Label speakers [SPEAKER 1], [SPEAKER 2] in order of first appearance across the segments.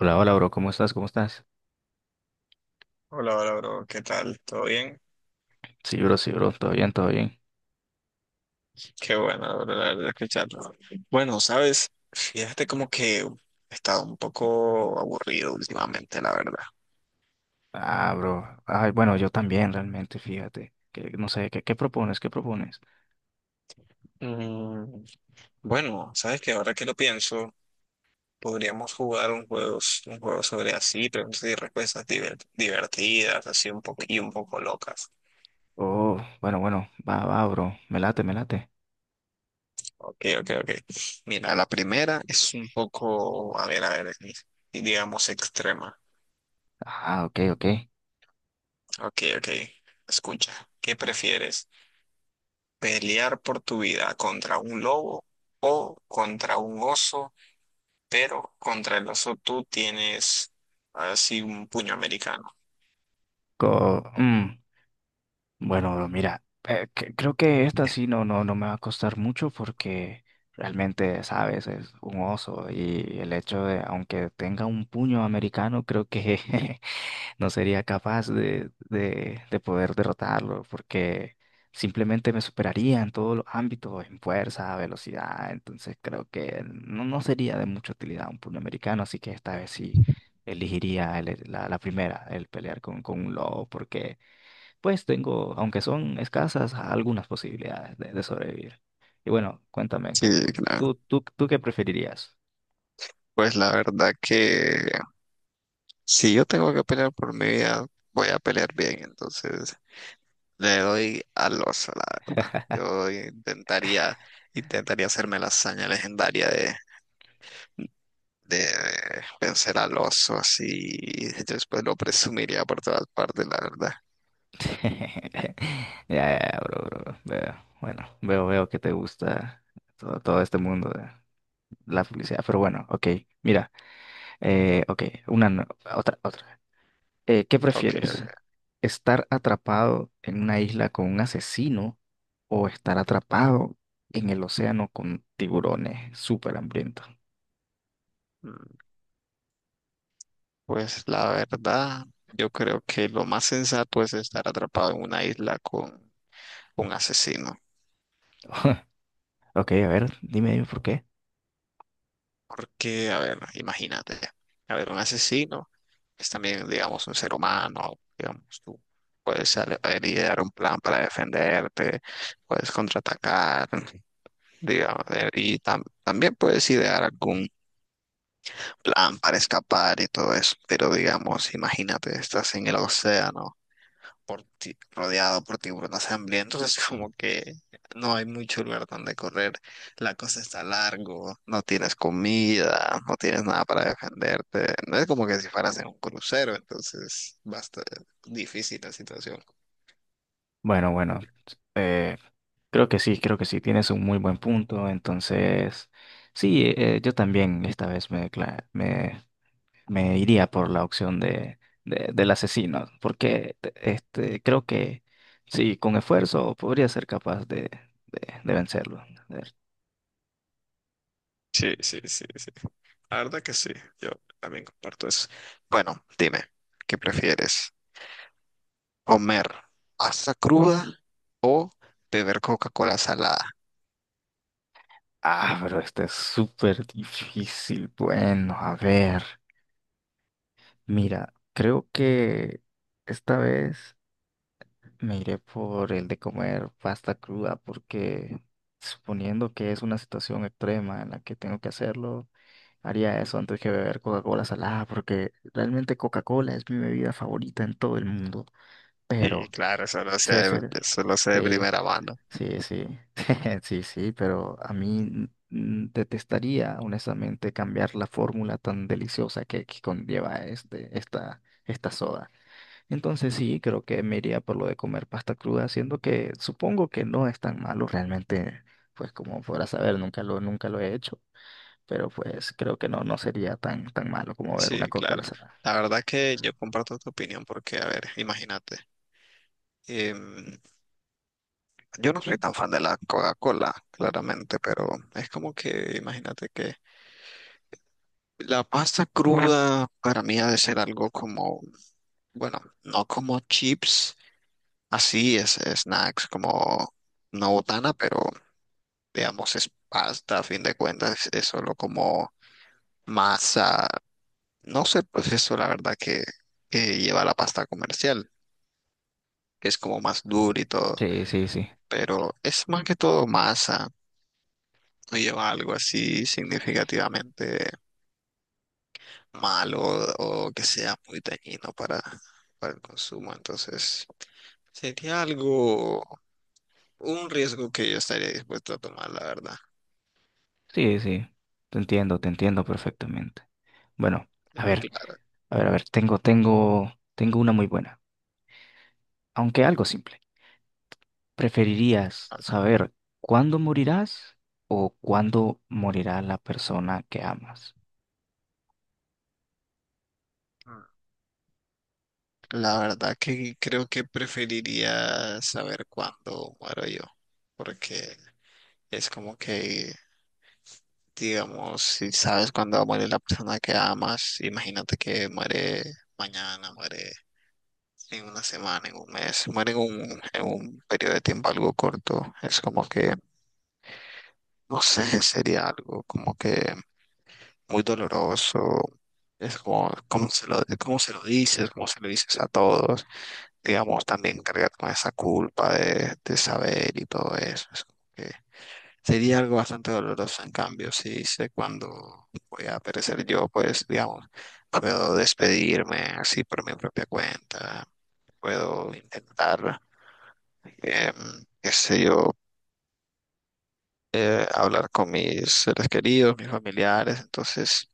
[SPEAKER 1] Hola, hola, bro, ¿cómo estás?
[SPEAKER 2] Hola, hola, bro. ¿Qué tal? ¿Todo bien?
[SPEAKER 1] Sí, bro, todo bien, todo bien.
[SPEAKER 2] Qué bueno, bro, la verdad, escucharlo. Bueno, sabes, fíjate como que he estado un poco aburrido últimamente, la verdad.
[SPEAKER 1] Ah, bro, ay, bueno, yo también realmente, fíjate, que no sé, ¿qué propones?
[SPEAKER 2] Mm, bueno, sabes que ahora que lo pienso, podríamos jugar un juego sobre así, preguntas y respuestas divertidas, así un poco y un poco locas.
[SPEAKER 1] Oh, bueno, va, bro, me late, me late.
[SPEAKER 2] Ok, ok, ok. Mira, la primera es un poco, a ver, digamos extrema.
[SPEAKER 1] Ah, ok, ok.
[SPEAKER 2] Ok, ok. Escucha, ¿qué prefieres? Pelear por tu vida contra un lobo o contra un oso, pero contra el oso tú tienes así un puño americano.
[SPEAKER 1] Co- mm, Bueno, bro, mira, creo que esta sí no me va a costar mucho porque realmente, sabes, es un oso y el hecho de, aunque tenga un puño americano, creo que no sería capaz de poder derrotarlo porque simplemente me superaría en todos los ámbitos, en fuerza, velocidad. Entonces creo que no sería de mucha utilidad un puroamericano, así que esta vez sí elegiría la primera, el pelear con un lobo, porque pues tengo, aunque son escasas, algunas posibilidades de sobrevivir. Y bueno, cuéntame,
[SPEAKER 2] Sí, claro.
[SPEAKER 1] ¿tú qué preferirías?
[SPEAKER 2] Pues la verdad que si yo tengo que pelear por mi vida, voy a pelear bien. Entonces le doy al oso, la verdad. Intentaría hacerme la hazaña legendaria de vencer al oso así. Y después lo presumiría por todas partes, la verdad.
[SPEAKER 1] Ya, ya, ya, bro, bro, bro. Veo, bueno, veo que te gusta todo, todo este mundo de la publicidad. Pero bueno, ok, mira, ok, otra, otra. ¿Qué
[SPEAKER 2] Ok,
[SPEAKER 1] prefieres?
[SPEAKER 2] ok.
[SPEAKER 1] ¿Estar atrapado en una isla con un asesino o estar atrapado en el océano con tiburones súper hambrientos?
[SPEAKER 2] Mm. Pues la verdad, yo creo que lo más sensato es estar atrapado en una isla con un asesino.
[SPEAKER 1] Ok, a ver, dime, dime por qué.
[SPEAKER 2] Porque, a ver, imagínate, a ver, un asesino es también, digamos, un ser humano, digamos, tú puedes idear un plan para defenderte, puedes contraatacar, digamos, y también puedes idear algún plan para escapar y todo eso. Pero, digamos, imagínate, estás en el océano, rodeado por tiburones hambrientos, es como que no hay mucho lugar donde correr. La cosa está largo, no tienes comida, no tienes nada para defenderte. No es como que si fueras en un crucero, entonces basta, difícil la situación.
[SPEAKER 1] Bueno, eh, creo que sí, creo que sí, tienes un muy buen punto. Entonces, sí, yo también esta vez me iría por la opción del asesino, porque este, creo que sí, con esfuerzo podría ser capaz de vencerlo. A ver.
[SPEAKER 2] Sí, sí, sí, sí. La verdad que sí, yo también comparto eso. Bueno, dime, ¿qué prefieres? Comer pasta cruda o beber Coca-Cola salada.
[SPEAKER 1] Ah, pero este es súper difícil. Bueno, a ver, mira, creo que esta vez, me iré por el de comer pasta cruda porque suponiendo que es una situación extrema en la que tengo que hacerlo, haría eso antes que beber Coca-Cola salada porque realmente Coca-Cola es mi bebida favorita en todo el mundo.
[SPEAKER 2] Y
[SPEAKER 1] Pero,
[SPEAKER 2] claro,
[SPEAKER 1] sí, sí,
[SPEAKER 2] eso lo sé de
[SPEAKER 1] sí,
[SPEAKER 2] primera mano.
[SPEAKER 1] sí, sí, sí, sí, pero a mí, detestaría honestamente cambiar la fórmula tan deliciosa que conlleva esta soda. Entonces sí, creo que me iría por lo de comer pasta cruda, siendo que supongo que no es tan malo realmente, pues como podrás saber, nunca lo he hecho, pero pues creo que no, no sería tan, tan malo como ver
[SPEAKER 2] Sí,
[SPEAKER 1] una
[SPEAKER 2] claro.
[SPEAKER 1] Coca-Cola salada.
[SPEAKER 2] La verdad que yo comparto tu opinión porque, a ver, imagínate. em, yo no soy tan fan de la Coca-Cola, claramente, pero es como que, imagínate que la pasta cruda para mí ha de ser algo como, bueno, no como chips, así es, snacks, como una botana, pero digamos, es pasta, a fin de cuentas, es solo como masa, no sé el proceso, la verdad, que lleva la pasta comercial, que es como más dura y todo,
[SPEAKER 1] Sí, sí, sí.
[SPEAKER 2] pero es más que todo masa, no lleva algo así significativamente malo o que sea muy dañino para el consumo, entonces sería algo, un riesgo que yo estaría dispuesto a tomar, la verdad.
[SPEAKER 1] Sí, sí. Te entiendo perfectamente. Bueno, a ver,
[SPEAKER 2] Claro.
[SPEAKER 1] a ver, tengo, tengo una muy buena, aunque algo simple. ¿Preferirías saber cuándo morirás o cuándo morirá la persona que amas?
[SPEAKER 2] Claro. La verdad que creo que preferiría saber cuándo muero yo, porque es como que, digamos, si sabes cuándo va a morir la persona que amas, imagínate que muere mañana, muere en una semana, en un mes, muere en un periodo de tiempo algo corto, es como que, no sé, sería algo como que muy doloroso, es como, cómo se lo dices, cómo se lo dices a todos. Digamos, también cargar con esa culpa de saber y todo eso. Es como que sería algo bastante doloroso. En cambio, si sé cuándo voy a perecer yo, pues, digamos, puedo despedirme así por mi propia cuenta, puedo intentar, em, qué sé yo, hablar con mis seres queridos, mis familiares. Entonces,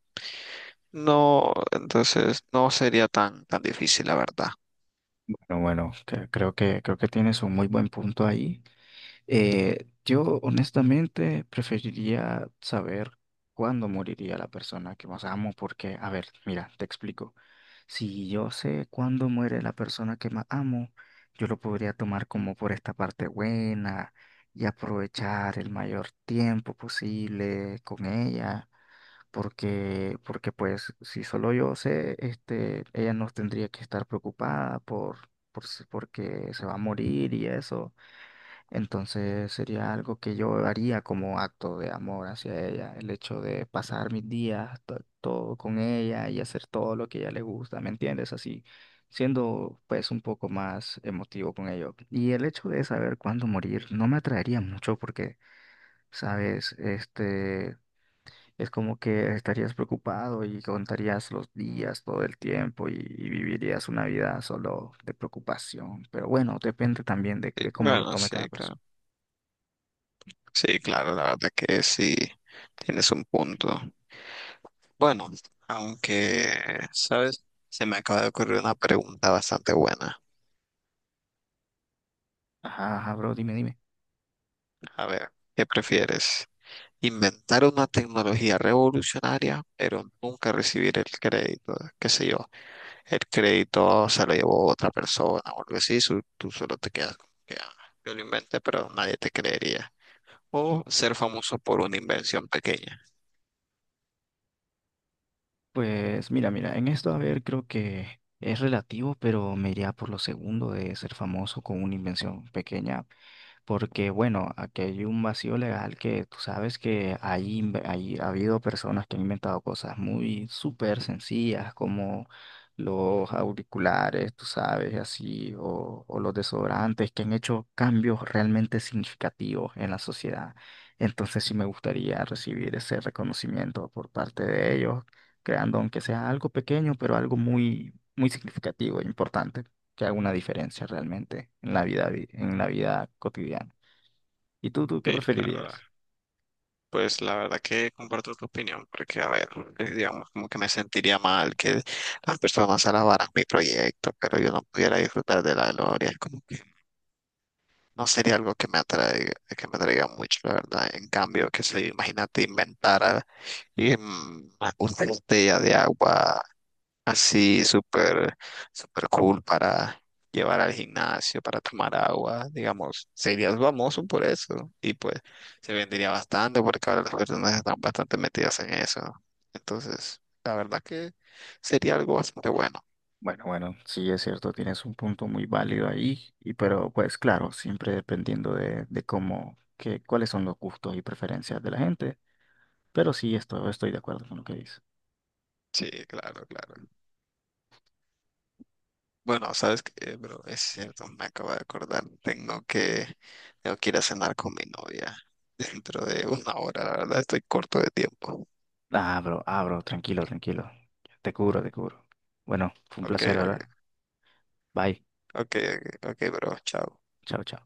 [SPEAKER 2] no, entonces no sería tan, tan difícil, la verdad.
[SPEAKER 1] Pero bueno, creo que tienes un muy buen punto ahí. Yo honestamente preferiría saber cuándo moriría la persona que más amo, porque, a ver, mira, te explico. Si yo sé cuándo muere la persona que más amo, yo lo podría tomar como por esta parte buena y aprovechar el mayor tiempo posible con ella porque pues si solo yo sé, este, ella no tendría que estar preocupada por si- porque se va a morir y eso. Entonces sería algo que yo haría como acto de amor hacia ella, el hecho de pasar mis días todo con ella y hacer todo lo que a ella le gusta, ¿me entiendes? Así, siendo pues un poco más emotivo con ello. Y el hecho de saber cuándo morir no me atraería mucho porque... Sabes, este, es como que estarías preocupado y contarías los días todo el tiempo y vivirías una vida solo de preocupación. Pero bueno, depende también
[SPEAKER 2] Sí,
[SPEAKER 1] de cómo lo
[SPEAKER 2] bueno,
[SPEAKER 1] tome
[SPEAKER 2] sí,
[SPEAKER 1] cada persona.
[SPEAKER 2] claro. Sí, claro, la verdad que sí, tienes un punto. Bueno, aunque, ¿sabes? Se me acaba de ocurrir una pregunta bastante buena.
[SPEAKER 1] Ajá, ajá, bro, dime, dime.
[SPEAKER 2] A ver, ¿qué prefieres? Inventar una tecnología revolucionaria, pero nunca recibir el crédito, qué sé yo, el crédito se lo llevó otra persona o algo así, tú solo te quedas como que: "Ah, yo lo inventé", pero nadie te creería. O ser famoso por una invención pequeña.
[SPEAKER 1] Pues mira, mira, en esto, a ver, creo que es relativo, pero me iría por lo segundo de ser famoso con una invención pequeña, porque bueno, aquí hay un vacío legal que tú sabes que hay, ha habido personas que han inventado cosas muy súper sencillas como los auriculares, tú sabes, y así, o los desodorantes, que han hecho cambios realmente significativos en la sociedad. Entonces sí me gustaría recibir ese reconocimiento por parte de ellos creando aunque sea algo pequeño, pero algo muy, muy significativo e importante, que haga una diferencia realmente en la vida, en la vida cotidiana. ¿Y tú qué
[SPEAKER 2] Sí, claro,
[SPEAKER 1] preferirías?
[SPEAKER 2] pues la verdad que comparto tu opinión, porque a ver, digamos, como que me sentiría mal que las personas alabaran mi proyecto, pero yo no pudiera disfrutar de la gloria, como que no sería algo que me atraiga mucho, la verdad. En cambio, que se imagínate inventara em, una botella de agua así súper, súper cool para llevar al gimnasio, para tomar agua, digamos, serías famoso por eso. Y pues se vendería bastante porque ahora las personas están bastante metidas en eso. Entonces, la verdad que sería algo bastante bueno.
[SPEAKER 1] Bueno, bueno, sí es cierto, tienes un punto muy válido ahí, y pero pues claro, siempre dependiendo de cómo, que, cuáles son los gustos y preferencias de la gente, pero sí esto, estoy de acuerdo con lo que dices.
[SPEAKER 2] Sí, claro, claro. Bueno, sabes que, bro, es cierto, me acabo de acordar. Tengo que ir a cenar con mi novia dentro de una hora. La verdad, estoy corto de tiempo.
[SPEAKER 1] Ah, bro, tranquilo, tranquilo. Te cubro, te cubro. Bueno, fue un
[SPEAKER 2] Ok,
[SPEAKER 1] placer hablar. Bye.
[SPEAKER 2] ok, ok, ok, ok, bro, chao.
[SPEAKER 1] Chao, chao.